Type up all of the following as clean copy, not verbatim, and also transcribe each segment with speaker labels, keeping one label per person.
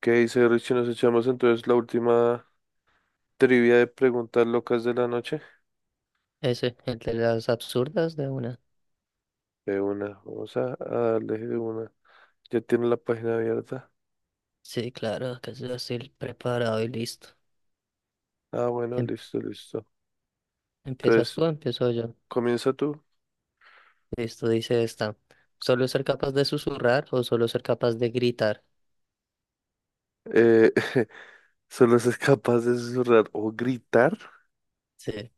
Speaker 1: ¿Qué dice Richie? Nos echamos entonces la última trivia de preguntas locas de la noche.
Speaker 2: Ese, el de las absurdas de una.
Speaker 1: De una, vamos a darle de una. Ya tiene la página abierta.
Speaker 2: Sí, claro, que es así el preparado y listo.
Speaker 1: Ah, bueno,
Speaker 2: Em-
Speaker 1: listo, listo.
Speaker 2: ¿Empiezas
Speaker 1: Entonces,
Speaker 2: tú o empiezo yo?
Speaker 1: comienza tú.
Speaker 2: Listo, dice esta. ¿Solo ser capaz de susurrar o solo ser capaz de gritar?
Speaker 1: Eh, solo se es capaz de susurrar o gritar.
Speaker 2: Sí,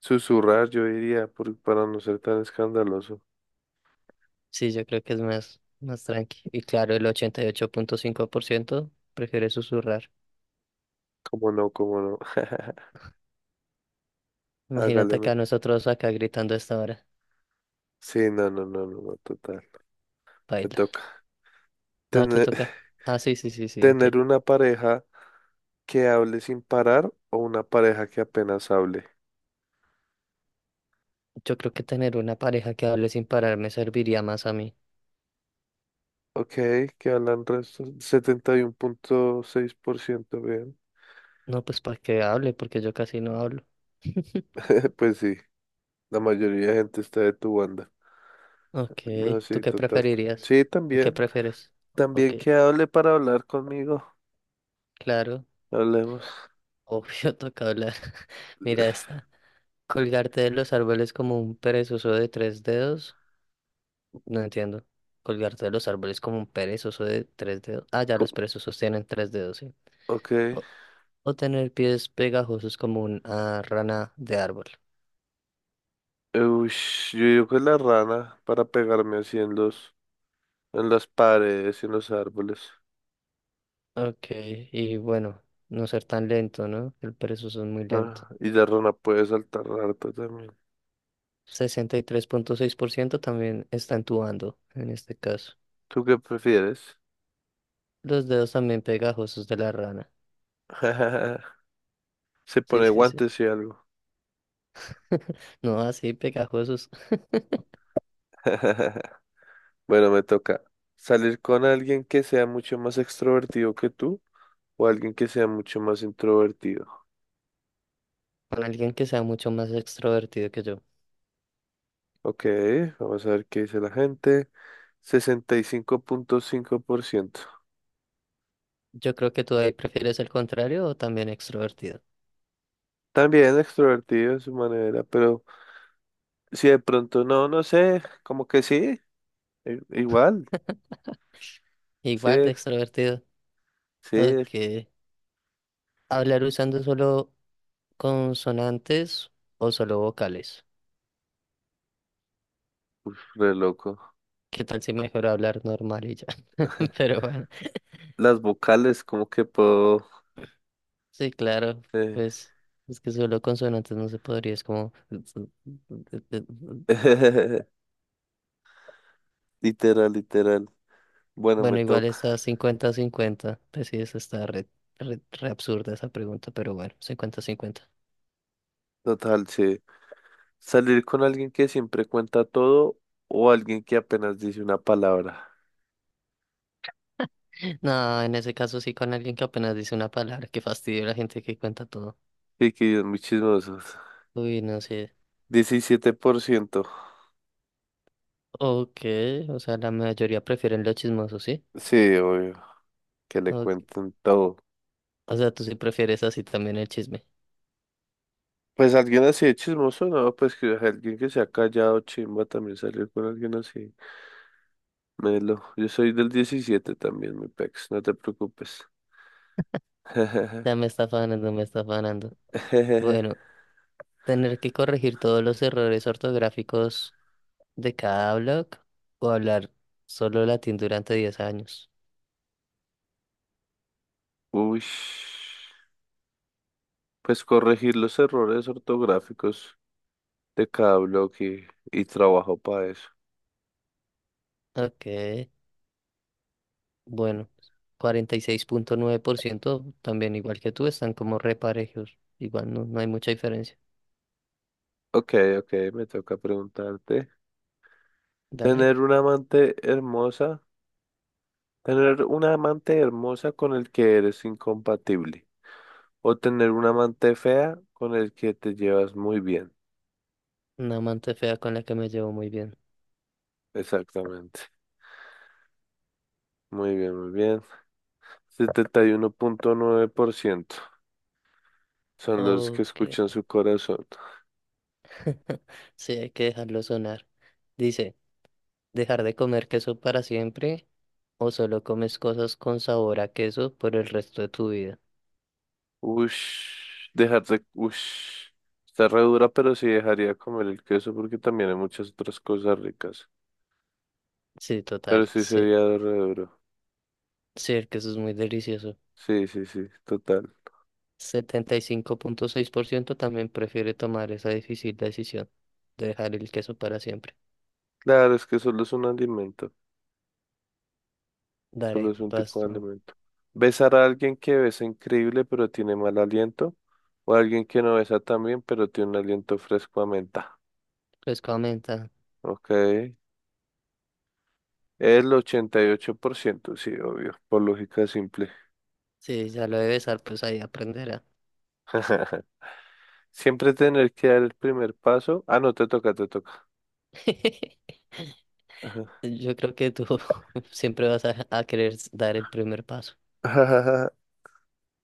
Speaker 1: Susurrar, yo diría, para no ser tan escandaloso.
Speaker 2: sí, yo creo que es más tranqui. Y claro, el 88.5% prefiere susurrar.
Speaker 1: Como no, como no.
Speaker 2: Imagínate
Speaker 1: Hágale.
Speaker 2: acá nosotros acá gritando a esta hora.
Speaker 1: Sí, no, no, no, no, no, total. Me
Speaker 2: Baila.
Speaker 1: toca.
Speaker 2: No, te
Speaker 1: Tener,
Speaker 2: toca. Ah, sí, sí, sí, sí, ok.
Speaker 1: tener una pareja que hable sin parar o una pareja que apenas hable.
Speaker 2: Yo creo que tener una pareja que hable sin parar me serviría más a mí.
Speaker 1: Ok, que hablan resto, 71.6% bien.
Speaker 2: No, pues para que hable, porque yo casi no hablo.
Speaker 1: Pues sí, la mayoría de gente está de tu banda.
Speaker 2: Ok,
Speaker 1: No,
Speaker 2: ¿tú
Speaker 1: sí,
Speaker 2: qué
Speaker 1: total.
Speaker 2: preferirías?
Speaker 1: Sí,
Speaker 2: ¿O qué
Speaker 1: también.
Speaker 2: prefieres? Ok,
Speaker 1: También que hable para hablar conmigo.
Speaker 2: claro,
Speaker 1: Hablemos.
Speaker 2: obvio toca hablar. Mira esta. Colgarte de los árboles como un perezoso de tres dedos. No entiendo. Colgarte de los árboles como un perezoso de tres dedos. Ah, ya
Speaker 1: Co-
Speaker 2: los perezosos tienen tres dedos, sí.
Speaker 1: Ok.
Speaker 2: O, o tener pies pegajosos como una rana de árbol.
Speaker 1: Ush, yo digo que la rana para pegarme así en en las paredes y en los árboles.
Speaker 2: Ok, y bueno, no ser tan lento, ¿no? El perezoso es muy lento.
Speaker 1: Ah, y la rana puede saltar harto también.
Speaker 2: 63.6% también está entubando en este caso.
Speaker 1: ¿Tú qué prefieres?
Speaker 2: Los dedos también pegajosos de la rana.
Speaker 1: Se
Speaker 2: Sí,
Speaker 1: pone
Speaker 2: sí, sí.
Speaker 1: guantes y algo.
Speaker 2: No, así pegajosos.
Speaker 1: Bueno, me toca salir con alguien que sea mucho más extrovertido que tú o alguien que sea mucho más introvertido.
Speaker 2: Con alguien que sea mucho más extrovertido que yo.
Speaker 1: Ok, vamos a ver qué dice la gente. 65.5%.
Speaker 2: Yo creo que tú ahí prefieres el contrario o también extrovertido.
Speaker 1: También extrovertido de su manera, pero si de pronto no, no sé, como que sí, igual, sí,
Speaker 2: Igual de extrovertido.
Speaker 1: sí,
Speaker 2: Ok.
Speaker 1: es
Speaker 2: Hablar usando solo consonantes o solo vocales.
Speaker 1: re loco.
Speaker 2: ¿Qué tal si mejor hablar normal y ya? Pero bueno.
Speaker 1: Las vocales, como que puedo.
Speaker 2: Sí, claro,
Speaker 1: eh,
Speaker 2: pues es que solo consonantes no se podría, es como...
Speaker 1: Literal, literal. Bueno, me
Speaker 2: Bueno, igual
Speaker 1: toca.
Speaker 2: está 50/50 pues sí, eso está re absurda esa pregunta, pero bueno, 50/50.
Speaker 1: Total, sí. Salir con alguien que siempre cuenta todo o alguien que apenas dice una palabra.
Speaker 2: No, en ese caso sí con alguien que apenas dice una palabra, que fastidio la gente que cuenta todo.
Speaker 1: Sí, que ellos muy chismosos.
Speaker 2: Uy, no sé.
Speaker 1: 17%.
Speaker 2: Ok, o sea, la mayoría prefieren lo chismoso, ¿sí?
Speaker 1: Sí, obvio, que le
Speaker 2: O,
Speaker 1: cuenten todo.
Speaker 2: o sea, tú sí prefieres así también el chisme.
Speaker 1: Pues alguien así de chismoso, no, pues que alguien que se ha callado, chimba, también salir con alguien así. Melo, yo soy del 17 también, mi pex, no te preocupes.
Speaker 2: Ya me está afanando, me está afanando. Bueno, tener que corregir todos los errores ortográficos de cada blog o hablar solo latín durante 10 años.
Speaker 1: Uy, pues corregir los errores ortográficos de cada bloque y trabajo para eso.
Speaker 2: Ok, bueno, 46.9% también igual que tú están como reparejos. Igual no, no hay mucha diferencia.
Speaker 1: Ok, ok, me toca preguntarte.
Speaker 2: Dale,
Speaker 1: Tener una amante hermosa, tener una amante hermosa con el que eres incompatible o tener una amante fea con el que te llevas muy bien.
Speaker 2: una amante fea con la que me llevo muy bien.
Speaker 1: Exactamente. Muy bien, muy bien. 71.9% son los que
Speaker 2: Ok,
Speaker 1: escuchan su corazón.
Speaker 2: sí, hay que dejarlo sonar. Dice, dejar de comer queso para siempre o solo comes cosas con sabor a queso por el resto de tu vida.
Speaker 1: Ush. Está re dura, pero sí dejaría comer el queso porque también hay muchas otras cosas ricas.
Speaker 2: Sí,
Speaker 1: Pero
Speaker 2: total,
Speaker 1: sí
Speaker 2: sí.
Speaker 1: sería re duro.
Speaker 2: Sí, el queso es muy delicioso.
Speaker 1: Sí, sí, sí, total.
Speaker 2: 75.6% también prefiere tomar esa difícil decisión de dejar el queso para siempre.
Speaker 1: Claro, es que solo es un alimento, solo
Speaker 2: Daré,
Speaker 1: es un tipo de
Speaker 2: pasto.
Speaker 1: alimento. Besar a alguien que besa increíble pero tiene mal aliento, o alguien que no besa tan bien pero tiene un aliento fresco a menta.
Speaker 2: Pues comenta.
Speaker 1: Ok. El 88% sí, obvio, por lógica simple.
Speaker 2: Sí, ya lo de besar, pues ahí aprenderá.
Speaker 1: Siempre tener que dar el primer paso. Ah, no, te toca, te toca.
Speaker 2: Yo creo que tú siempre vas a querer dar el primer paso.
Speaker 1: Ajá.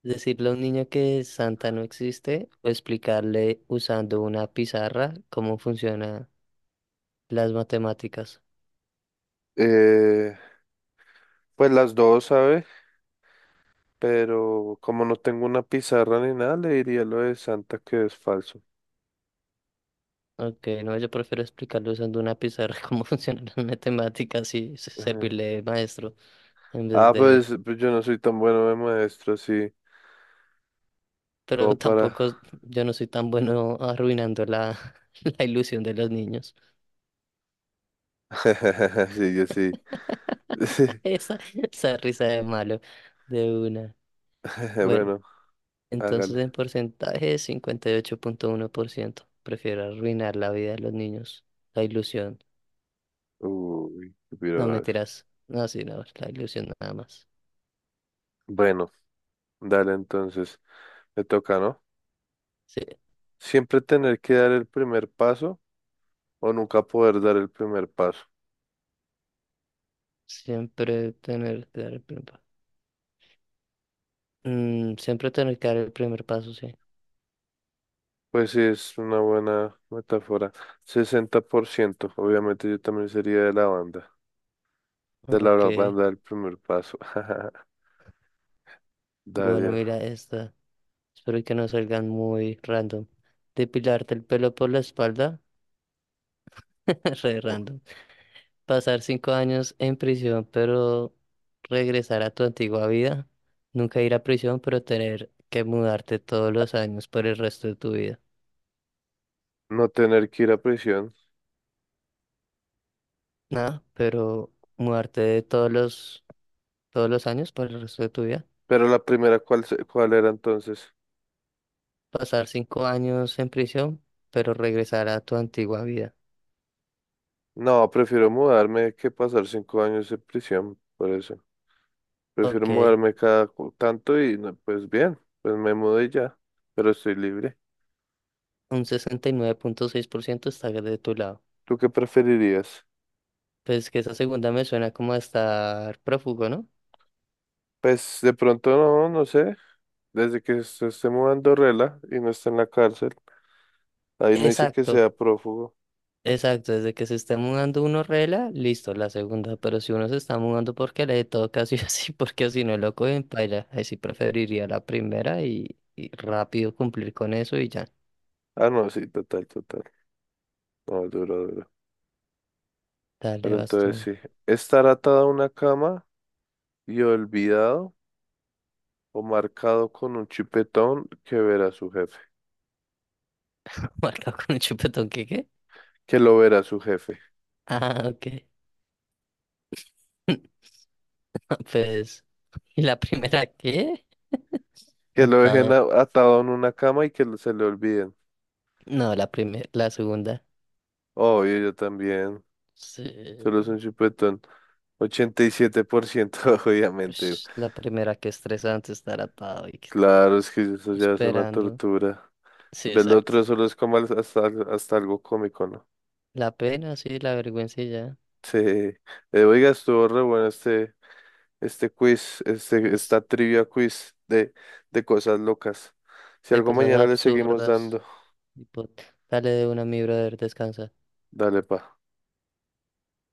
Speaker 2: Decirle a un niño que Santa no existe o explicarle usando una pizarra cómo funcionan las matemáticas.
Speaker 1: Eh, pues las dos, ¿sabes? Pero como no tengo una pizarra ni nada, le diría lo de Santa que es falso.
Speaker 2: Ok, no, yo prefiero explicarlo usando una pizarra cómo funciona la matemática, así
Speaker 1: Ajá.
Speaker 2: servirle de maestro, en vez
Speaker 1: Ah,
Speaker 2: de...
Speaker 1: pues yo no soy tan bueno de maestro, sí, como
Speaker 2: Pero
Speaker 1: para.
Speaker 2: tampoco, yo no soy tan bueno arruinando la, la ilusión de los niños.
Speaker 1: Sí, yo sí. Sí.
Speaker 2: Esa, esa risa de malo, de una. Bueno,
Speaker 1: Bueno,
Speaker 2: entonces
Speaker 1: hágale.
Speaker 2: en porcentaje 58.1%. Prefiero arruinar la vida de los niños, la ilusión.
Speaker 1: Uy, qué
Speaker 2: No,
Speaker 1: piro.
Speaker 2: mentiras. No, sí, no, la ilusión nada más.
Speaker 1: Bueno, dale entonces, me toca, ¿no?
Speaker 2: Sí,
Speaker 1: Siempre tener que dar el primer paso o nunca poder dar el primer paso.
Speaker 2: siempre tener... siempre tener que dar el primer paso, sí.
Speaker 1: Pues sí, es una buena metáfora. 60% obviamente yo también sería de la banda. De la
Speaker 2: Ok,
Speaker 1: banda el primer paso.
Speaker 2: bueno,
Speaker 1: Daría.
Speaker 2: mira esta. Espero que no salgan muy random. Depilarte el pelo por la espalda, re
Speaker 1: Oh,
Speaker 2: random. Pasar 5 años en prisión, pero regresar a tu antigua vida. Nunca ir a prisión, pero tener que mudarte todos los años por el resto de tu vida.
Speaker 1: no tener que ir a prisión.
Speaker 2: Nada, pero mudarte de todos los años por el resto de tu vida.
Speaker 1: Pero la primera, ¿cuál, cuál era entonces?
Speaker 2: Pasar 5 años en prisión, pero regresar a tu antigua vida.
Speaker 1: No, prefiero mudarme que pasar 5 años en prisión. Por eso. Prefiero
Speaker 2: Ok.
Speaker 1: mudarme cada tanto y no, pues bien, pues me mudé ya. Pero estoy libre.
Speaker 2: Un 69.6% está de tu lado.
Speaker 1: ¿Tú qué preferirías?
Speaker 2: Pues que esa segunda me suena como a estar prófugo, ¿no?
Speaker 1: Pues de pronto no, no sé. Desde que se esté mudando Rela y no está en la cárcel. Ahí no dice que
Speaker 2: Exacto,
Speaker 1: sea prófugo.
Speaker 2: exacto. Desde que se está mudando uno rela, listo, la segunda. Pero si uno se está mudando porque le toca sí o sí, porque si no lo cogen, paila. Ahí sí preferiría la primera y rápido cumplir con eso y ya.
Speaker 1: Ah, no, sí, total, total. No, duro, duro.
Speaker 2: Dale,
Speaker 1: Pero
Speaker 2: vas
Speaker 1: entonces
Speaker 2: tú.
Speaker 1: sí, estar atado a una cama y olvidado o marcado con un chipetón que verá su jefe,
Speaker 2: Marcado con un chupetón, ¿qué qué?
Speaker 1: que lo verá su jefe,
Speaker 2: Ah, ok. Pues, ¿y la primera qué?
Speaker 1: que lo dejen
Speaker 2: Atado.
Speaker 1: atado en una cama y que se le olviden.
Speaker 2: No, la primera, la segunda.
Speaker 1: Obvio, yo también, solo es
Speaker 2: Sí.
Speaker 1: un chipetón. 87% obviamente.
Speaker 2: Ush, la primera, que estresante estar atado y
Speaker 1: Claro, es que eso ya es una
Speaker 2: esperando.
Speaker 1: tortura.
Speaker 2: Sí,
Speaker 1: Del
Speaker 2: exacto.
Speaker 1: otro solo es como hasta algo cómico, ¿no?
Speaker 2: La pena, sí, la vergüenza y ya.
Speaker 1: Sí. Oiga, estuvo re bueno este, quiz,
Speaker 2: Es
Speaker 1: esta trivia quiz de cosas locas. Si
Speaker 2: de
Speaker 1: algo
Speaker 2: cosas
Speaker 1: mañana le seguimos
Speaker 2: absurdas.
Speaker 1: dando,
Speaker 2: Tipo, dale de una, mi brother, descansa.
Speaker 1: dale pa.